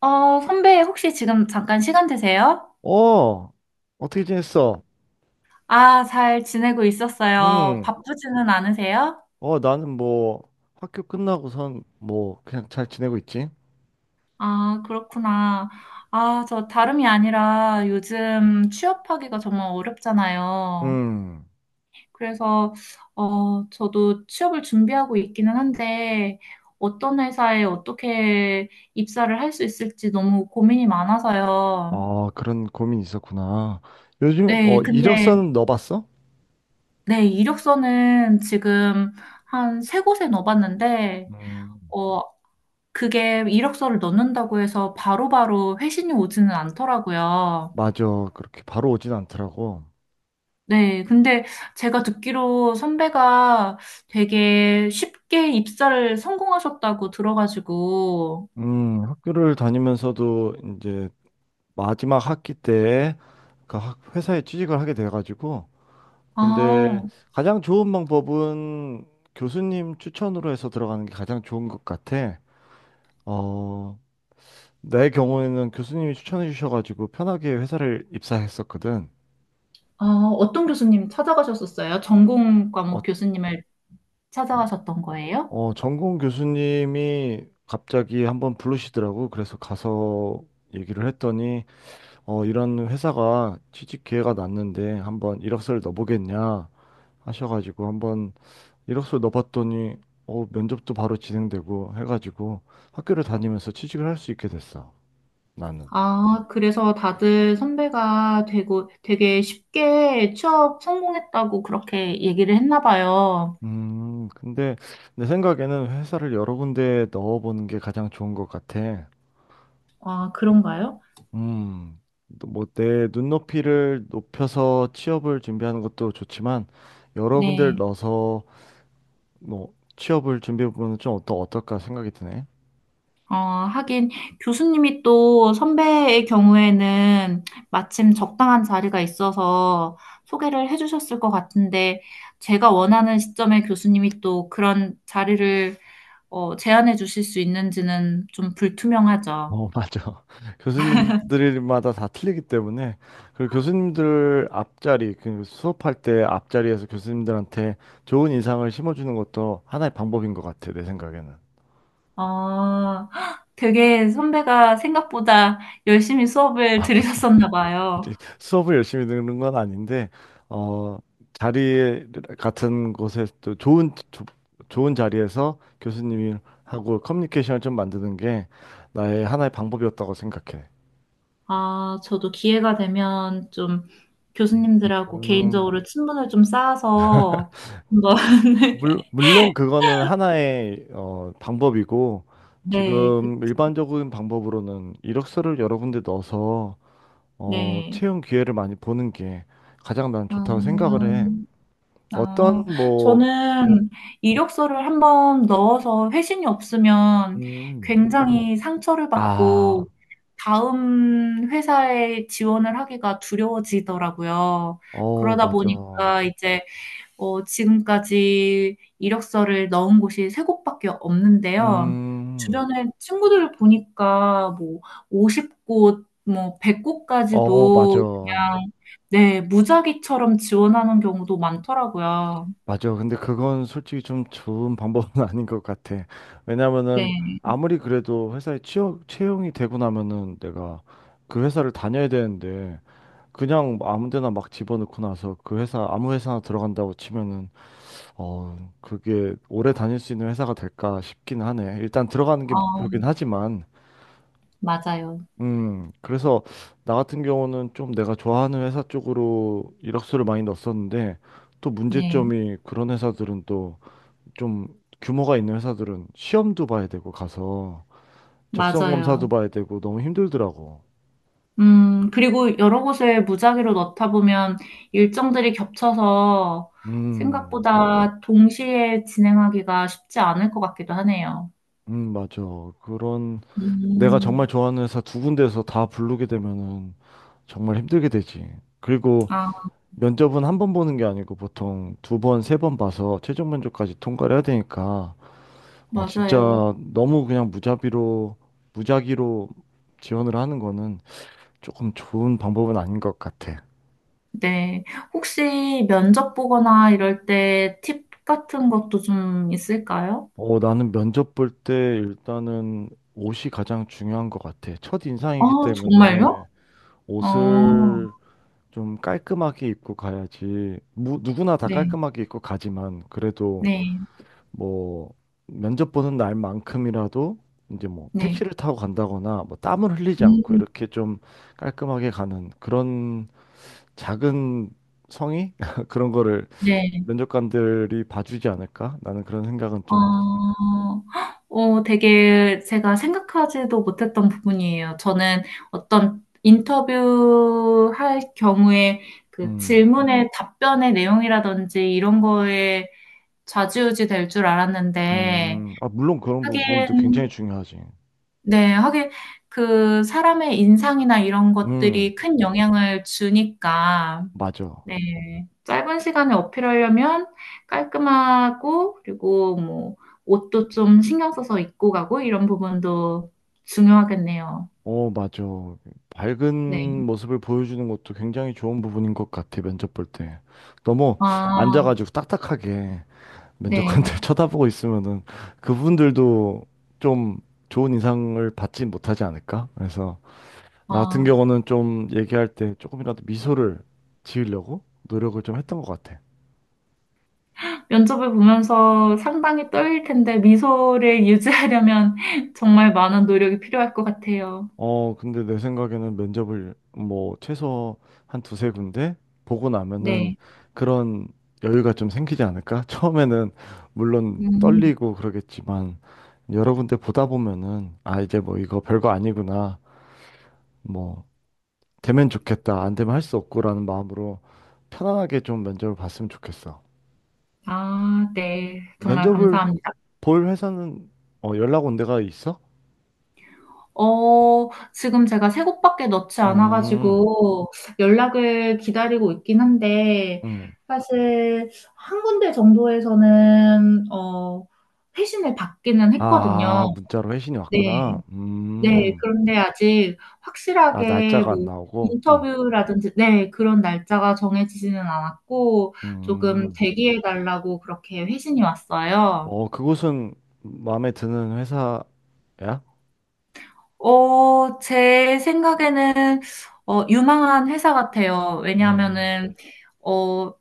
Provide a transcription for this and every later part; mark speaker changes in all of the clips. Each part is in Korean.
Speaker 1: 선배, 혹시 지금 잠깐 시간 되세요?
Speaker 2: 어, 어떻게 지냈어?
Speaker 1: 아, 잘 지내고 있었어요.
Speaker 2: 음,
Speaker 1: 바쁘지는 않으세요?
Speaker 2: 나는 뭐, 학교 끝나고선 뭐, 그냥 잘 지내고 있지?
Speaker 1: 아, 그렇구나. 아, 저 다름이 아니라 요즘 취업하기가 정말 어렵잖아요.
Speaker 2: 음.
Speaker 1: 그래서, 저도 취업을 준비하고 있기는 한데, 어떤 회사에 어떻게 입사를 할 수 있을지 너무 고민이 많아서요.
Speaker 2: 아, 그런 고민이 있었구나. 요즘에,
Speaker 1: 네, 근데,
Speaker 2: 이력서는 넣어봤어?
Speaker 1: 네, 이력서는 지금 한 세 곳에 넣어봤는데,
Speaker 2: 음,
Speaker 1: 어, 그게 이력서를 넣는다고 해서 바로바로 회신이 오지는 않더라고요.
Speaker 2: 맞아. 그렇게 바로 오진 않더라고.
Speaker 1: 네, 근데 제가 듣기로 선배가 되게 쉽게 입사를 성공하셨다고 들어가지고,
Speaker 2: 학교를 다니면서도 이제 마지막 학기 때 회사에 취직을 하게 돼가지고. 근데
Speaker 1: 아,
Speaker 2: 가장 좋은 방법은 교수님 추천으로 해서 들어가는 게 가장 좋은 것 같아. 어, 내 경우에는 교수님이 추천해 주셔가지고 편하게 회사를 입사했었거든.
Speaker 1: 아, 어떤 교수님 찾아가셨었어요? 전공
Speaker 2: 어,
Speaker 1: 과목 교수님을
Speaker 2: 어,
Speaker 1: 찾아가셨던 거예요?
Speaker 2: 전공 교수님이 갑자기 한번 부르시더라고. 그래서 가서 얘기를 했더니, 이런 회사가 취직 기회가 났는데 한번 이력서를 넣어보겠냐 하셔가지고 한번 이력서 넣어봤더니, 면접도 바로 진행되고 해가지고 학교를 다니면서 취직을 할 수 있게 됐어. 나는.
Speaker 1: 아, 그래서 다들 선배가 되고 되게 쉽게 취업 성공했다고 그렇게 얘기를 했나 봐요.
Speaker 2: 근데 내 생각에는 회사를 여러 군데 넣어보는 게 가장 좋은 것 같아.
Speaker 1: 아, 그런가요?
Speaker 2: 음, 뭐 내 눈높이를 높여서 취업을 준비하는 것도 좋지만 여러 군데를
Speaker 1: 네.
Speaker 2: 넣어서 뭐 취업을 준비해보면 좀 어떨까 생각이 드네.
Speaker 1: 하긴 교수님이 또 선배의 경우에는 마침 적당한 자리가 있어서 소개를 해주셨을 것 같은데 제가 원하는 시점에 교수님이 또 그런 자리를 제안해 주실 수 있는지는 좀 불투명하죠.
Speaker 2: 어, 맞아. 교수님들마다 다 틀리기 때문에 그리고 교수님들 앞자리, 그 수업할 때 앞자리에서 교수님들한테 좋은 인상을 심어주는 것도 하나의 방법인 것 같아, 내 생각에는.
Speaker 1: 어, 되게 선배가 생각보다 열심히 수업을 들으셨었나
Speaker 2: 이제
Speaker 1: 봐요.
Speaker 2: 수업을 열심히 듣는 건 아닌데 어 자리 같은 곳에 또 좋은 자리에서 교수님이 하고 커뮤니케이션을 좀 만드는 게 나의 하나의 방법이었다고 생각해.
Speaker 1: 아, 저도 기회가 되면 좀 교수님들하고
Speaker 2: 음,
Speaker 1: 개인적으로 친분을 좀 쌓아서 한번
Speaker 2: 물론 그거는 하나의 방법이고
Speaker 1: 네, 그,
Speaker 2: 지금 일반적인 방법으로는 이력서를 여러 군데 넣어서
Speaker 1: 네.
Speaker 2: 채용 기회를 많이 보는 게 가장 난
Speaker 1: 아,
Speaker 2: 좋다고 생각을 해.
Speaker 1: 아,
Speaker 2: 어떤 뭐. 음.
Speaker 1: 저는 이력서를 한번 넣어서 회신이 없으면
Speaker 2: 음.
Speaker 1: 굉장히 상처를 받고
Speaker 2: 아,
Speaker 1: 다음 회사에 지원을 하기가 두려워지더라고요.
Speaker 2: 어,
Speaker 1: 그러다
Speaker 2: 맞아.
Speaker 1: 보니까 이제 지금까지 이력서를 넣은 곳이 세 곳밖에 없는데요.
Speaker 2: 음,
Speaker 1: 주변에 친구들을 보니까 뭐 50곳, 뭐
Speaker 2: 어, 맞아.
Speaker 1: 100곳까지도 그냥 네, 무작위처럼 지원하는 경우도 많더라고요.
Speaker 2: 맞아. 근데 그건 솔직히 좀 좋은 방법은 아닌 것 같아. 왜냐면은
Speaker 1: 네.
Speaker 2: 아무리 그래도 회사에 취업, 채용이 되고 나면은 내가 그 회사를 다녀야 되는데 그냥 뭐 아무 데나 막 집어넣고 나서 그 회사, 아무 회사나 들어간다고 치면은 그게 오래 다닐 수 있는 회사가 될까 싶긴 하네. 일단 들어가는 게
Speaker 1: 어,
Speaker 2: 목표긴 하지만
Speaker 1: 맞아요.
Speaker 2: 그래서 나 같은 경우는 좀 내가 좋아하는 회사 쪽으로 이력서를 많이 넣었었는데 또
Speaker 1: 네,
Speaker 2: 문제점이 그런 회사들은 또 좀 규모가 있는 회사들은 시험도 봐야 되고 가서 적성
Speaker 1: 맞아요.
Speaker 2: 검사도 봐야 되고 너무 힘들더라고.
Speaker 1: 그리고 여러 곳에 무작위로 넣다 보면 일정들이 겹쳐서
Speaker 2: 음,
Speaker 1: 생각보다 동시에 진행하기가 쉽지 않을 것 같기도 하네요.
Speaker 2: 맞아. 그런. 내가 정말
Speaker 1: 음,
Speaker 2: 좋아하는 회사 두 군데에서 다 부르게 되면은 정말 힘들게 되지. 그리고
Speaker 1: 아,
Speaker 2: 면접은 한 번 보는 게 아니고 보통 두 번, 세 번 봐서 최종 면접까지 통과를 해야 되니까
Speaker 1: 맞아요.
Speaker 2: 진짜 너무 그냥 무자비로, 무작위로 지원을 하는 거는 조금 좋은 방법은 아닌 것 같아.
Speaker 1: 네. 혹시 면접 보거나 이럴 때 팁 같은 것도 좀 있을까요?
Speaker 2: 나는 면접 볼 때 일단은 옷이 가장 중요한 것 같아. 첫
Speaker 1: 아,
Speaker 2: 인상이기
Speaker 1: 정말요?
Speaker 2: 때문에
Speaker 1: 어,
Speaker 2: 옷을 좀 깔끔하게 입고 가야지. 누구나 다
Speaker 1: 네,
Speaker 2: 깔끔하게 입고 가지만 그래도
Speaker 1: 네,
Speaker 2: 뭐 면접 보는 날만큼이라도 이제 뭐
Speaker 1: 네.
Speaker 2: 택시를 타고 간다거나 뭐 땀을 흘리지 않고
Speaker 1: 음,
Speaker 2: 이렇게 좀 깔끔하게 가는 그런 작은 성의 그런 거를
Speaker 1: 네.
Speaker 2: 면접관들이 봐주지 않을까? 나는 그런 생각은
Speaker 1: 어,
Speaker 2: 좀.
Speaker 1: 되게 제가 생각하지도 못했던 부분이에요. 저는 어떤 인터뷰 할 경우에 그
Speaker 2: 음.
Speaker 1: 질문의 답변의 내용이라든지 이런 거에 좌지우지 될 줄 알았는데,
Speaker 2: 음. 아, 물론 그런 부분도
Speaker 1: 하긴,
Speaker 2: 굉장히 중요하지.
Speaker 1: 네, 하긴, 그, 사람의 인상이나 이런
Speaker 2: 음,
Speaker 1: 것들이 큰 영향을 주니까,
Speaker 2: 맞아.
Speaker 1: 네. 짧은 시간에 어필하려면 깔끔하고, 그리고 뭐, 옷도 좀 신경 써서 입고 가고, 이런 부분도 중요하겠네요.
Speaker 2: 어, 맞아.
Speaker 1: 네.
Speaker 2: 밝은 모습을 보여주는 것도 굉장히 좋은 부분인 것 같아, 면접 볼 때. 너무
Speaker 1: 아,
Speaker 2: 앉아가지고 딱딱하게
Speaker 1: 네.
Speaker 2: 면접관들 쳐다보고 있으면은 그분들도 좀 좋은 인상을 받지 못하지 않을까? 그래서
Speaker 1: 아,
Speaker 2: 나 같은 경우는 좀 얘기할 때 조금이라도 미소를 지으려고 노력을 좀 했던 것 같아.
Speaker 1: 면접을 보면서 상당히 떨릴 텐데, 미소를 유지하려면 정말 많은 노력이 필요할 것 같아요.
Speaker 2: 근데 내 생각에는 면접을 뭐 최소 한 두세 군데 보고 나면은
Speaker 1: 네.
Speaker 2: 그런 여유가 좀 생기지 않을까? 처음에는 물론
Speaker 1: 음.
Speaker 2: 떨리고 그러겠지만 여러 군데 보다 보면은 아, 이제 뭐 이거 별거 아니구나. 뭐 되면 좋겠다. 안 되면 할 수 없고라는 마음으로 편안하게 좀 면접을 봤으면 좋겠어.
Speaker 1: 아, 네. 정말
Speaker 2: 면접을
Speaker 1: 감사합니다.
Speaker 2: 볼 회사는 연락 온 데가 있어?
Speaker 1: 지금 제가 세 곡밖에 넣지
Speaker 2: 음.
Speaker 1: 않아가지고 연락을 기다리고 있긴 한데,
Speaker 2: 음.
Speaker 1: 사실 한 군데 정도에서는, 회신을 받기는 했거든요.
Speaker 2: 아, 문자로 회신이
Speaker 1: 네.
Speaker 2: 왔구나.
Speaker 1: 네. 그런데 아직
Speaker 2: 아,
Speaker 1: 확실하게
Speaker 2: 날짜가 안
Speaker 1: 뭐,
Speaker 2: 나오고. 음.
Speaker 1: 인터뷰라든지, 네, 그런 날짜가 정해지지는 않았고, 조금
Speaker 2: 음.
Speaker 1: 대기해 달라고 그렇게 회신이 왔어요.
Speaker 2: 그곳은 마음에 드는 회사야?
Speaker 1: 제 생각에는, 유망한 회사 같아요.
Speaker 2: 음,
Speaker 1: 왜냐하면은, 어,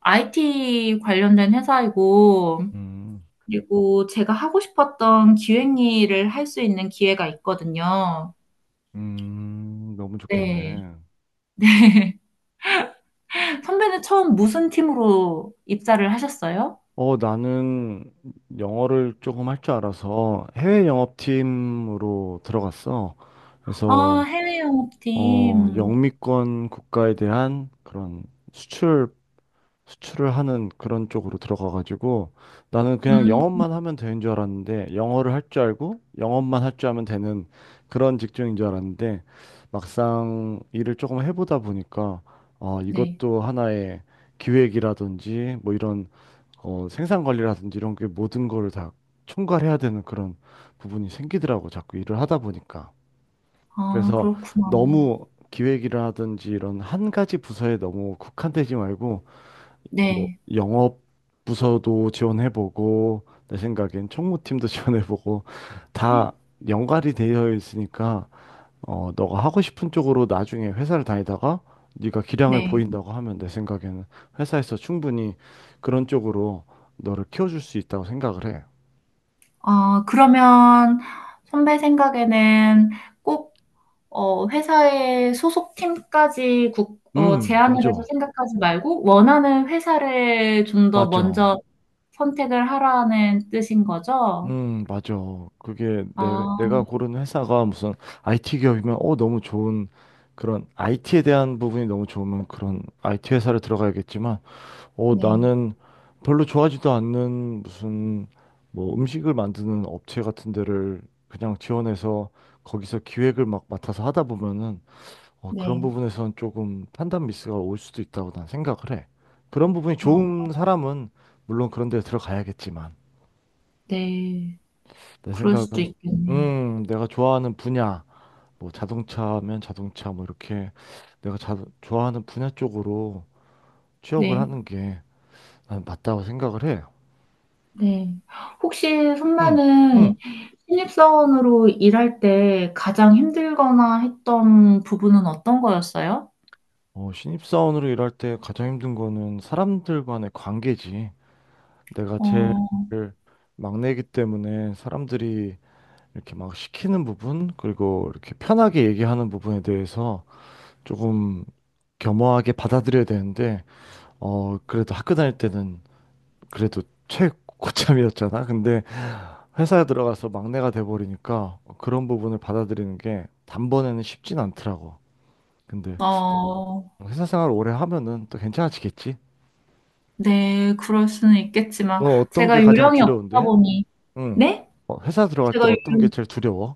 Speaker 1: IT 관련된 회사이고,
Speaker 2: 음,
Speaker 1: 그리고 제가 하고 싶었던 기획 일을 할 수 있는 기회가 있거든요.
Speaker 2: 너무
Speaker 1: 네.
Speaker 2: 좋겠네.
Speaker 1: 네. 선배는 처음 무슨 팀으로 입사를 하셨어요?
Speaker 2: 나는 영어를 조금 할 줄 알아서 해외 영업팀으로 들어갔어.
Speaker 1: 아,
Speaker 2: 그래서,
Speaker 1: 해외 영업팀.
Speaker 2: 영미권 국가에 대한 그런 수출 수출을 하는 그런 쪽으로 들어가가지고 나는 그냥
Speaker 1: 음,
Speaker 2: 영업만 하면 되는 줄 알았는데 영어를 할 줄 알고 영업만 할 줄 알면 되는 그런 직종인 줄 알았는데 막상 일을 조금 해보다 보니까
Speaker 1: 네.
Speaker 2: 이것도 하나의 기획이라든지 뭐 이런 생산 관리라든지 이런 게 모든 거를 다 총괄해야 되는 그런 부분이 생기더라고 자꾸 일을 하다 보니까
Speaker 1: 아,
Speaker 2: 그래서
Speaker 1: 그렇구나.
Speaker 2: 너무 기획이라든지 이런 한 가지 부서에 너무 국한되지 말고 뭐
Speaker 1: 네.
Speaker 2: 영업 부서도 지원해보고 내 생각엔 총무팀도 지원해보고 다 연관이 되어 있으니까 너가 하고 싶은 쪽으로 나중에 회사를 다니다가 네가 기량을
Speaker 1: 네.
Speaker 2: 보인다고 하면 내 생각에는 회사에서 충분히 그런 쪽으로 너를 키워줄 수 있다고 생각을 해.
Speaker 1: 아, 그러면 선배 생각에는 꼭 회사의 소속팀까지 제안을 해서
Speaker 2: 맞아,
Speaker 1: 생각하지 말고 원하는 회사를 좀 더
Speaker 2: 맞아.
Speaker 1: 먼저 선택을 하라는 뜻인 거죠?
Speaker 2: 맞아. 그게
Speaker 1: 아,
Speaker 2: 내가 고른 회사가 무슨 IT 기업이면 너무 좋은 그런 IT에 대한 부분이 너무 좋으면 그런 IT 회사를 들어가야겠지만
Speaker 1: 네,
Speaker 2: 나는 별로 좋아하지도 않는 무슨 뭐 음식을 만드는 업체 같은 데를 그냥 지원해서 거기서 기획을 막 맡아서 하다 보면은 그런
Speaker 1: 네.
Speaker 2: 부분에선 조금 판단 미스가 올 수도 있다고 난 생각을 해. 그런 부분이
Speaker 1: 아,
Speaker 2: 좋은 사람은 물론 그런 데 들어가야겠지만
Speaker 1: 네.
Speaker 2: 내
Speaker 1: 그럴 수도
Speaker 2: 생각은
Speaker 1: 있겠네요.
Speaker 2: 내가 좋아하는 분야 뭐 자동차면 자동차 뭐 이렇게 내가 좋아하는 분야 쪽으로 취업을
Speaker 1: 네,
Speaker 2: 하는 게 난 맞다고 생각을 해.
Speaker 1: 네. 혹시
Speaker 2: 응.
Speaker 1: 선배는
Speaker 2: 응.
Speaker 1: 신입사원으로 일할 때 가장 힘들거나 했던 부분은 어떤 거였어요?
Speaker 2: 신입사원으로 일할 때 가장 힘든 거는 사람들 간의 관계지. 내가 제일
Speaker 1: 어,
Speaker 2: 막내이기 때문에 사람들이 이렇게 막 시키는 부분, 그리고 이렇게 편하게 얘기하는 부분에 대해서 조금 겸허하게 받아들여야 되는데, 그래도 학교 다닐 때는 그래도 최고참이었잖아. 근데 회사에 들어가서 막내가 돼버리니까 그런 부분을 받아들이는 게 단번에는 쉽진 않더라고. 근데
Speaker 1: 어,
Speaker 2: 회사 생활 오래 하면은 또 괜찮아지겠지.
Speaker 1: 네, 그럴 수는 있겠지만
Speaker 2: 너 어떤 게
Speaker 1: 제가
Speaker 2: 가장
Speaker 1: 요령이 없다
Speaker 2: 두려운데?
Speaker 1: 보니
Speaker 2: 응.
Speaker 1: 네?
Speaker 2: 회사 들어갈 때
Speaker 1: 제가, 유-
Speaker 2: 어떤 게 제일 두려워?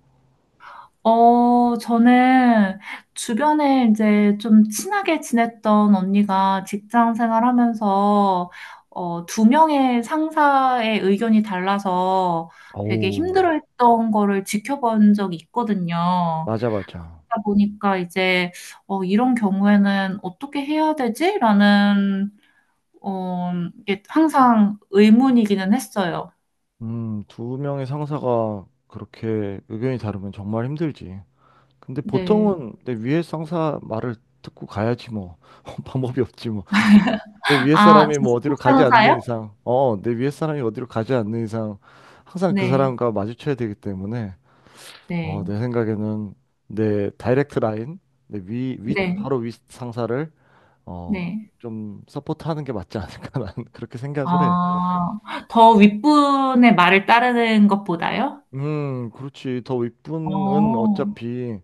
Speaker 1: 저는 주변에 이제 좀 친하게 지냈던 언니가 직장 생활하면서, 2명의 상사의 의견이 달라서 되게
Speaker 2: 오,
Speaker 1: 힘들어했던 거를 지켜본 적이 있거든요.
Speaker 2: 맞아, 맞아.
Speaker 1: 그러다 보니까 이제, 이런 경우에는 어떻게 해야 되지? 라는, 어, 이게 항상 의문이기는 했어요.
Speaker 2: 두 명의 상사가 그렇게 의견이 다르면 정말 힘들지. 근데
Speaker 1: 네.
Speaker 2: 보통은 내 위에 상사 말을 듣고 가야지 뭐. 방법이 없지 뭐. 내 위에
Speaker 1: 아,
Speaker 2: 사람이 뭐
Speaker 1: 직속
Speaker 2: 어디로 가지 않는
Speaker 1: 상사요?
Speaker 2: 이상, 내 위에 사람이 어디로 가지 않는 이상 항상 그
Speaker 1: 네.
Speaker 2: 사람과 마주쳐야 되기 때문에
Speaker 1: 네.
Speaker 2: 내 생각에는 내 다이렉트 라인, 내 위, 위,
Speaker 1: 네.
Speaker 2: 바로 위 상사를 어,
Speaker 1: 네.
Speaker 2: 좀 서포트하는 게 맞지 않을까 나는 그렇게 생각을 해.
Speaker 1: 아, 더 윗분의 말을 따르는 것보다요?
Speaker 2: 그렇지. 더 윗분은
Speaker 1: 어,
Speaker 2: 어차피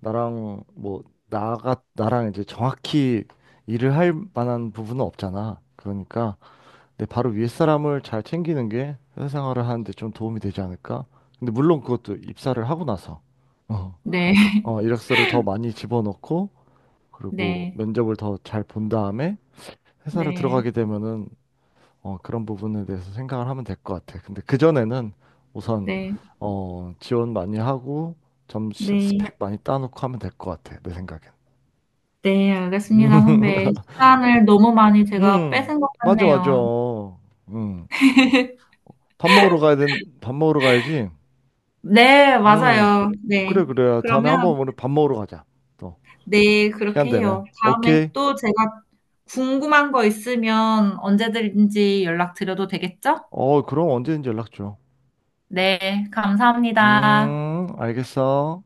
Speaker 2: 나랑 뭐 나가 나랑 이제 정확히 일을 할 만한 부분은 없잖아. 그러니까 네, 바로 위에 사람을 잘 챙기는 게 회사 생활을 하는데 좀 도움이 되지 않을까? 근데 물론 그것도 입사를 하고 나서 어,
Speaker 1: 네,
Speaker 2: 이력서를 더 많이 집어넣고 그리고
Speaker 1: 네,
Speaker 2: 면접을 더 잘 본 다음에 회사를
Speaker 1: 네,
Speaker 2: 들어가게 되면은 그런 부분에 대해서 생각을 하면 될 것 같아. 근데 그전에는 우선
Speaker 1: 네,
Speaker 2: 지원 많이 하고 좀
Speaker 1: 네,
Speaker 2: 스펙 많이 따놓고 하면 될 것 같아. 내 생각엔.
Speaker 1: 네, 알겠습니다, 선배. 시간을 너무 많이 제가
Speaker 2: 음,
Speaker 1: 뺏은 것
Speaker 2: 맞아, 맞아.
Speaker 1: 같네요.
Speaker 2: 음, 밥 먹으러 가야지.
Speaker 1: 네,
Speaker 2: 음.
Speaker 1: 맞아요. 네.
Speaker 2: 그래, 그래. 다음에
Speaker 1: 그러면,
Speaker 2: 한번 오늘 밥 먹으러 가자. 또,
Speaker 1: 네,
Speaker 2: 시간
Speaker 1: 그렇게 해요.
Speaker 2: 되면.
Speaker 1: 다음에
Speaker 2: 오케이.
Speaker 1: 또 제가 궁금한 거 있으면 언제든지 연락드려도 되겠죠?
Speaker 2: 그럼 언제든지 연락 줘.
Speaker 1: 네, 감사합니다.
Speaker 2: 알겠어.